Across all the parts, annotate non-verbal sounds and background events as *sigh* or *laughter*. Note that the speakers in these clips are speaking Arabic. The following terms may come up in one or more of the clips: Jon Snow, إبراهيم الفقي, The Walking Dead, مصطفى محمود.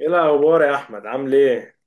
ايه الاخبار يا احمد، عامل ايه؟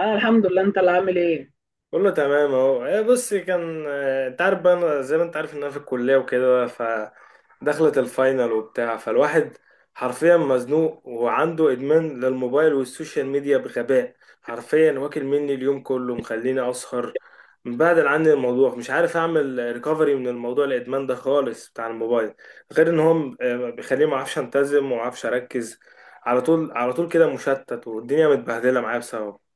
انا الحمد لله، انت اللي عامل ايه؟ كله تمام اهو. ايه بص كان انت عارف بقى، أنا زي ما انت عارف ان انا في الكليه وكده، فدخلت الفاينل وبتاع، فالواحد حرفيا مزنوق وعنده ادمان للموبايل والسوشيال ميديا بغباء. حرفيا واكل مني اليوم كله، مخليني اسهر. مبعدل عني الموضوع، مش عارف اعمل ريكفري من الموضوع، الادمان ده خالص بتاع الموبايل. غير ان هو بيخليني ما اعرفش انتظم وما اعرفش اركز، على طول على طول كده مشتت، والدنيا متبهدله معايا بسببه.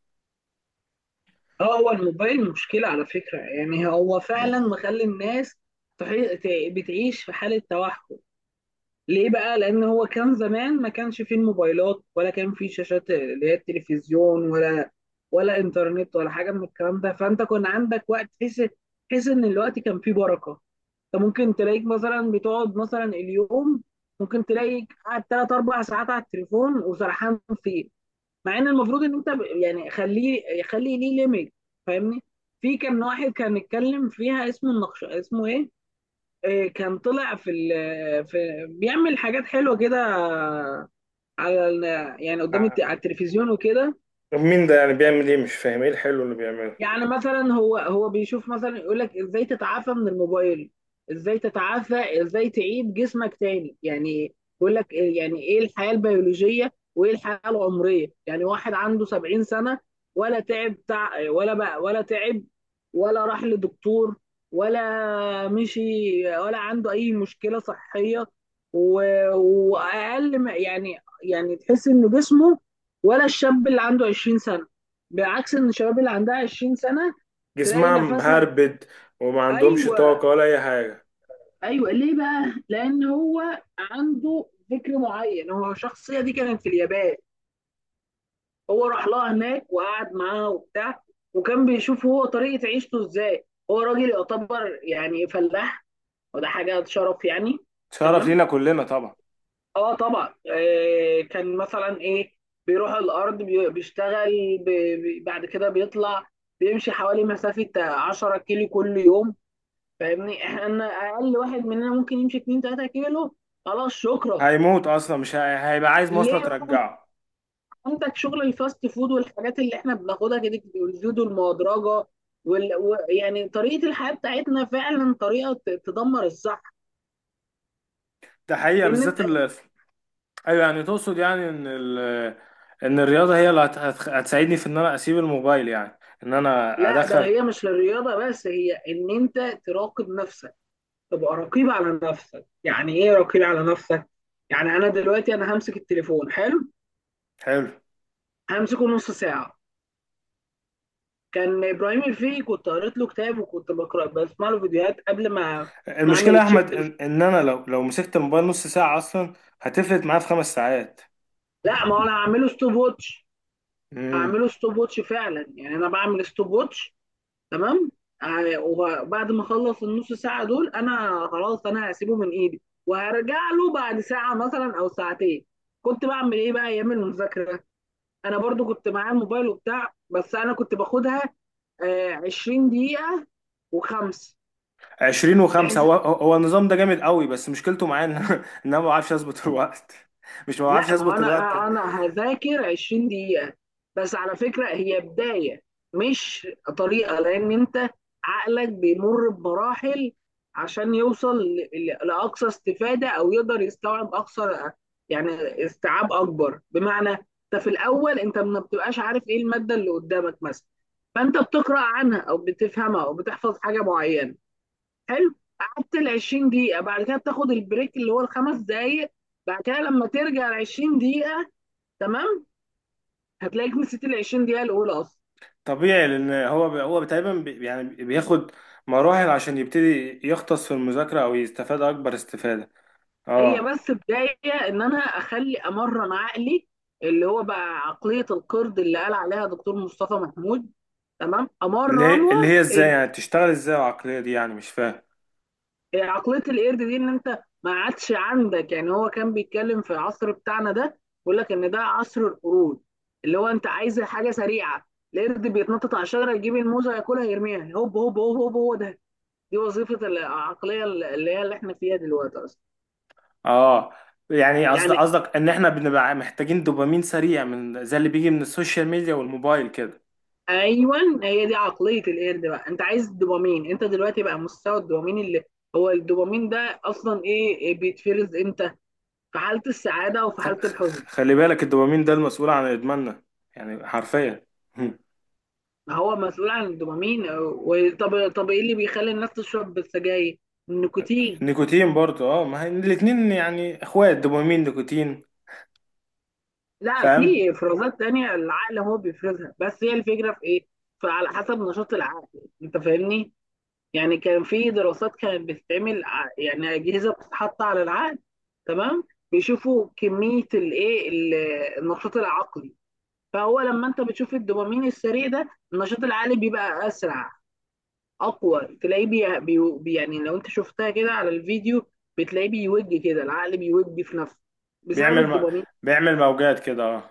اه، هو الموبايل مشكله على فكره، يعني هو فعلا مم. مخلي الناس بتعيش في حاله توحد. ليه بقى؟ لان هو كان زمان ما كانش فيه الموبايلات، ولا كان فيه شاشات اللي هي التلفزيون ولا انترنت، ولا حاجه من الكلام ده، فانت كان عندك وقت تحس ان الوقت كان فيه بركه. انت ممكن تلاقيك مثلا بتقعد مثلا اليوم، ممكن تلاقيك قاعد 3 4 ساعات على التليفون وسرحان فيه، مع ان المفروض ان انت يعني خلي ليه ليميت. فاهمني؟ في كان واحد كان اتكلم فيها، اسمه النقش، اسمه ايه، كان طلع في في بيعمل حاجات حلوه كده، على يعني ع- على التلفزيون وكده. مين ده يعني؟ بيعمل ايه؟ مش فاهم ايه الحلو اللي بيعمله. يعني مثلا هو بيشوف مثلا، يقول لك ازاي تتعافى من الموبايل، ازاي تعيد جسمك تاني. يعني بيقول لك يعني ايه الحياة البيولوجية وايه الحياة العمرية. يعني واحد عنده 70 سنة، ولا تعب ولا بقى، ولا تعب، ولا راح لدكتور، ولا مشي، ولا عنده اي مشكلة صحية، و... واقل ما يعني، يعني تحس ان جسمه، ولا الشاب اللي عنده 20 سنة. بعكس ان الشباب اللي عندها 20 سنه تلاقي جسمها نفسها. مهربد وما عندهمش ايوه، طاقة ولا اي حاجة. ايوه. ليه بقى؟ لان هو عنده فكر معين. هو الشخصيه دي كانت في اليابان، هو راح لها هناك وقعد معاها وبتاع، وكان بيشوف هو طريقه عيشته ازاي. هو راجل يعتبر يعني فلاح، وده حاجه شرف يعني. شرف تمام. لينا كلنا طبعا. اه طبعا، كان مثلا ايه، بيروح الارض بيشتغل، بعد كده بيطلع بيمشي حوالي مسافه 10 كيلو كل يوم. فاهمني؟ احنا اقل واحد مننا ممكن يمشي 2 3 كيلو خلاص، شكرا. هيموت اصلا، مش هي... هيبقى عايز ليه مواصلة بقى؟ ترجعه. عندك شغل الفاست فود، والحاجات اللي احنا بناخدها كده، والزيوت المهدرجه، يعني طريقه الحياه بتاعتنا فعلا طريقه تدمر الصحه. ده حقيقة، بالذات بالنسبه، ايوه، يعني تقصد يعني ان ان الرياضة هي اللي هتساعدني في ان انا اسيب الموبايل، يعني ان انا لا، ده ادخل. هي مش للرياضه بس، هي ان انت تراقب نفسك، تبقى رقيب على نفسك. يعني ايه رقيب على نفسك؟ يعني انا دلوقتي انا همسك التليفون، حلو، حلو. همسكه نص ساعه. كان ابراهيم الفقي كنت قريت له كتاب، وكنت بقرا بسمع له فيديوهات قبل ما اعمل المشكلة يا الشيفت. احمد إن انا لو مسكت الموبايل نص ساعة اصلا هتفلت معايا في 5 ساعات. لا، ما هو انا هعمله ستوب ووتش فعلا، يعني انا بعمل ستوب ووتش. تمام. وبعد ما اخلص النص ساعه دول انا خلاص، انا هسيبه من ايدي وهرجع له بعد ساعه مثلا او ساعتين. كنت بعمل ايه بقى ايام المذاكره؟ انا برضو كنت معايا الموبايل وبتاع، بس انا كنت باخدها 20 دقيقه وخمس. 20 و5، بحيث، هو النظام ده جامد قوي، بس مشكلته معايا ان *laughs* ان انا ما بعرفش اظبط الوقت. مش، ما لا بعرفش ما هو اظبط الوقت. انا هذاكر 20 دقيقة. بس على فكرة هي بداية، مش طريقة، لان انت عقلك بيمر بمراحل عشان يوصل لأقصى استفادة، او يقدر يستوعب اقصى يعني استيعاب اكبر. بمعنى انت في الاول انت ما بتبقاش عارف ايه المادة اللي قدامك مثلا، فانت بتقرأ عنها او بتفهمها او بتحفظ حاجة معينة. حلو، قعدت ال 20 دقيقة، بعد كده بتاخد البريك اللي هو ال 5 دقايق، بعد كده لما ترجع ال 20 دقيقة، تمام، هتلاقيك نسيت ال 20 دقيقة الأولى أصلا. طبيعي، لان هو هو تقريبا يعني بياخد مراحل عشان يبتدي يختص في المذاكرة او يستفاد اكبر استفادة. هي اه. بس بداية إن أنا أخلي أمرن عقلي، اللي هو بقى عقلية القرد اللي قال عليها دكتور مصطفى محمود. تمام، اللي هي اللي أمرنه. هي ازاي يعني؟ بتشتغل ازاي العقلية دي؟ يعني مش فاهم. إيه عقليه القرد دي؟ ان انت ما عادش عندك، يعني هو كان بيتكلم في العصر بتاعنا ده، بيقول لك ان ده عصر القرود، اللي هو انت عايز حاجه سريعه. القرد بيتنطط على الشجره، يجيب الموزه ياكلها يرميها، هوب هوب هوب هوب، هو ده. دي وظيفه العقليه اللي هي اللي احنا فيها دلوقتي اصلا. اه، يعني قصد يعني. قصدك ان احنا بنبقى محتاجين دوبامين سريع من زي اللي بيجي من السوشيال ميديا والموبايل كده. ايوه. هي دي عقليه القرد بقى، انت عايز الدوبامين. انت دلوقتي بقى مستوى الدوبامين اللي هو الدوبامين ده اصلا إيه بيتفرز امتى؟ في حاله السعاده وفي حاله الحزن. خلي بالك، الدوبامين ده المسؤول عن ادماننا، يعني حرفيا. *laughs* ما هو مسؤول عن الدوبامين، طب ايه اللي بيخلي الناس تشرب السجاير؟ النيكوتين. نيكوتين برضو اه، ما هي الاتنين يعني اخوات، دوبامين نيكوتين. لا، فاهم. في افرازات تانية العقل هو بيفرزها، بس هي الفكرة في ايه؟ فعلى حسب نشاط العقل، انت فاهمني. يعني كان في دراسات كانت بتتعمل يعني أجهزة بتتحط على العقل، تمام، بيشوفوا كمية النشاط العقلي. فهو لما انت بتشوف الدوبامين السريع ده، النشاط العقلي بيبقى اسرع، اقوى. تلاقيه يعني لو انت شفتها كده على الفيديو، بتلاقيه بيوج كده، العقل بيوج في نفسه بسبب بيعمل م... الدوبامين. بيعمل موجات كده اه.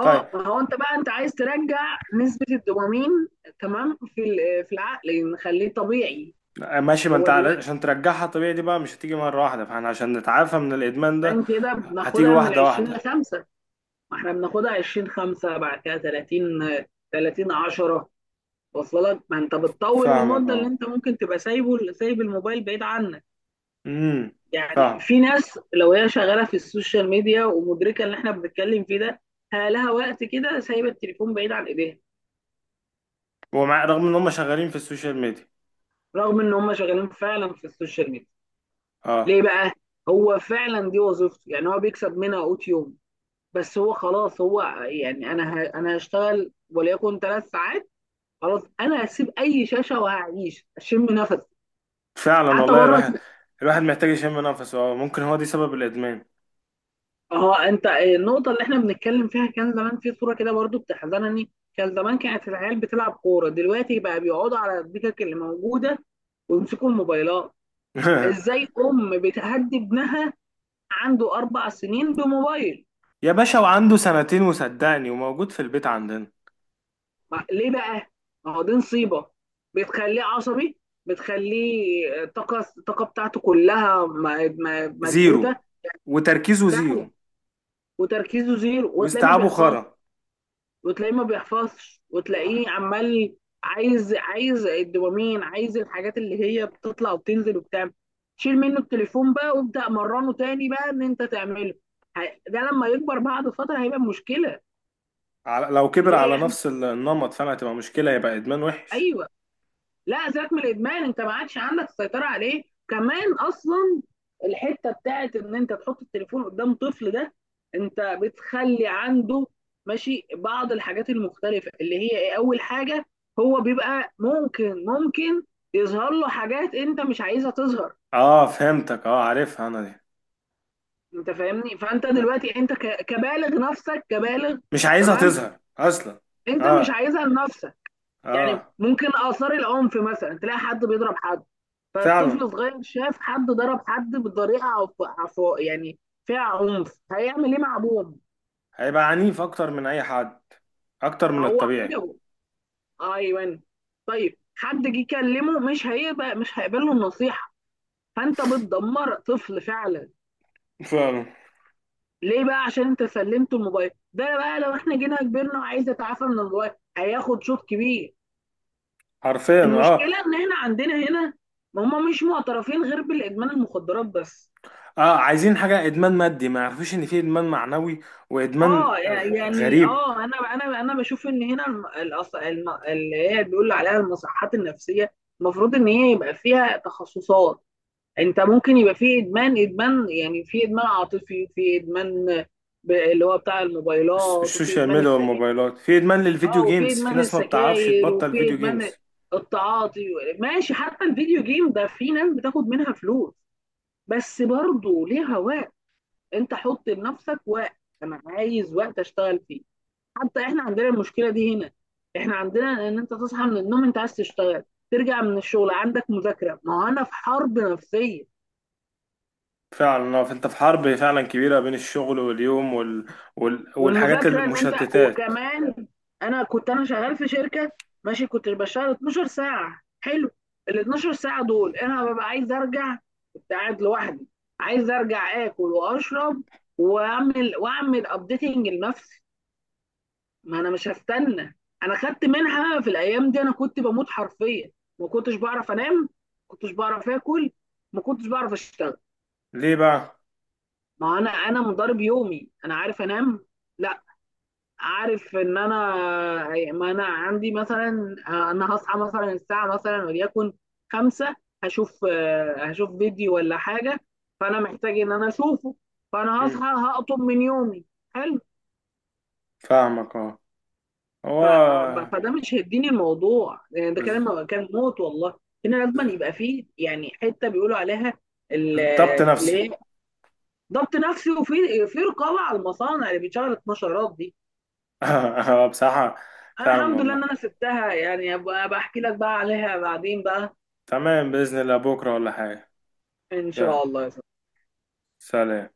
طيب، ما هو انت بقى انت عايز ترجع نسبة الدوبامين، تمام، في العقل، نخليه طبيعي. ماشي. ما انت هو على- دلوقتي عشان ترجعها طبيعي دي بقى مش هتيجي مرة واحدة، فاحنا عشان نتعافى من الادمان ده كان كده هتيجي بناخدها من ال واحدة 20 ل واحدة. 5. ما احنا بناخدها 20 5، بعد كده 30 30 10، واصله لك؟ ما انت بتطول فاهمك المدة اللي اه. انت ممكن تبقى سايب الموبايل بعيد عنك. امم يعني فاهم. في ناس لو هي شغاله في السوشيال ميديا ومدركه اللي احنا بنتكلم فيه ده، لها وقت كده سايبه التليفون بعيد عن ايديها، ومع، رغم ان هم شغالين في السوشيال ميديا، رغم ان هم شغالين فعلا في السوشيال ميديا. اه. ليه بقى؟ هو فعلا دي وظيفته، يعني هو بيكسب منها قوت يوم، بس هو خلاص، هو يعني انا انا هشتغل وليكن 3 ساعات، خلاص انا هسيب اي شاشه وهعيش اشم نفسي، فعلا حتى والله بره. الواحد. الواحد محتاج يشم نفسه، اه، ممكن هو دي سبب الادمان. اه، انت النقطة اللي احنا بنتكلم فيها، كان زمان في صورة كده برضو بتحزنني. كان زمان كانت العيال بتلعب كورة، دلوقتي بقى بيقعدوا على الدكك اللي موجودة ويمسكوا الموبايلات. *laughs* ازاي ام بتهدي ابنها عنده 4 سنين بموبايل؟ يا باشا، وعنده سنتين، وصدقني، وموجود في البيت عندنا. ليه بقى؟ ما هو دي نصيبة، بتخليه عصبي، بتخليه الطاقة بتاعته كلها زيرو، مكبوتة. وتركيزه فعلا، زيرو، وتركيزه زيرو، وتلاقيه ما واستيعابه بيحفظش خرا. وتلاقيه ما بيحفظش وتلاقيه عمال عايز الدوبامين، عايز الحاجات اللي هي بتطلع وبتنزل وبتاع. شيل منه التليفون بقى، وابدأ مرنه تاني بقى ان انت تعمله. ده لما يكبر بعد فترة هيبقى مشكلة. لو كبر على ليه؟ احنا، نفس النمط، فاهم؟ هتبقى مشكلة، يبقى إدمان وحش. ايوه، لا، سيبك من الادمان، انت ما عادش عندك السيطره عليه كمان اصلا. الحته بتاعت ان انت تحط التليفون قدام طفل ده، انت بتخلي عنده ماشي بعض الحاجات المختلفه اللي هي ايه؟ اول حاجه، هو بيبقى ممكن يظهر له حاجات انت مش عايزها تظهر. اه فهمتك اه، عارفها أنا دي. انت فاهمني؟ فانت دلوقتي انت كبالغ، نفسك كبالغ، مش عايزها تمام، تظهر أصلا. انت مش اه عايزها لنفسك. يعني اه ممكن آثار العنف مثلا، تلاقي حد بيضرب حد، فالطفل فعلا. صغير شاف حد ضرب حد بطريقة يعني فيها عنف، هيعمل ايه مع ابوه؟ هيبقى عنيف أكتر من أي حد، أكتر من هو الطبيعي. عجبه. ايوه. طيب حد جه يكلمه، مش هيقبل له النصيحة. فانت بتدمر طفل فعلا. فعلا. ليه بقى؟ عشان انت سلمته الموبايل ده بقى. لو احنا جينا كبرنا عايز يتعافى من الموبايل، هياخد شوط كبير. حرفيا اه. المشكلة ان احنا عندنا هنا هم مش معترفين غير بالادمان المخدرات بس. اه، عايزين حاجة إدمان مادي، ما يعرفوش إن في إدمان معنوي، وإدمان اه يعني غريب. انا بشوف ان هنا اللي هي بيقولوا عليها المصحات النفسيه، المفروض ان هي يبقى فيها تخصصات. انت ممكن يبقى في ادمان، يعني في ادمان عاطفي، في ادمان اللي هو بتاع الموبايلات، وفي السوشيال ادمان ميديا السجاير. والموبايلات، في ادمان للفيديو اه وفي جيمز، في ادمان ناس ما بتعرفش السجاير، تبطل وفي فيديو ادمان جيمز. التعاطي. ماشي، حتى الفيديو جيم ده في ناس بتاخد منها فلوس، بس برضه ليها وقت. انت حط لنفسك وقت. انا عايز وقت اشتغل فيه. حتى احنا عندنا المشكله دي هنا. احنا عندنا ان انت تصحى من النوم، انت عايز تشتغل، ترجع من الشغل عندك مذاكره، ما هو انا في حرب نفسيه، فعلا فانت في حرب فعلا كبيرة بين الشغل واليوم والحاجات والمذاكره ان انت، المشتتات. وكمان انا كنت انا شغال في شركه، ماشي، كنت بشتغل 12 ساعه حلو، ال 12 ساعه دول انا ببقى عايز ارجع، كنت قاعد لوحدي، عايز ارجع اكل واشرب، واعمل ابديتنج لنفسي. ما انا مش هستنى. انا خدت منحه في الايام دي، انا كنت بموت حرفيا. ما كنتش بعرف انام، ما كنتش بعرف اكل، ما كنتش بعرف اشتغل. ليه بقى؟ ما انا مضارب يومي، انا عارف انام؟ لا، عارف ان انا، ما انا عندي مثلا، انا هصحى مثلا الساعه مثلا وليكن خمسة، هشوف، هشوف فيديو ولا حاجه، فانا محتاج ان انا اشوفه، فانا هصحى مم. هقطم من يومي. حلو. فاهمك اه. هو ف... فده مش هيديني الموضوع، يعني ده بز... كلام كان موت والله. هنا بز... لازم يبقى فيه يعني حته بيقولوا عليها ال- ضبط اللي نفسي. هي *laughs* ضبط نفسي، وفي رقابه على المصانع اللي بتشغل النشرات دي. بصراحة، انا فعلا الحمد لله ان والله. انا سبتها، يعني أبقى بحكي لك بقى عليها بعدين بقى. تمام، بإذن الله بكرة ولا حاجة. ان يا شاء الله. سلام.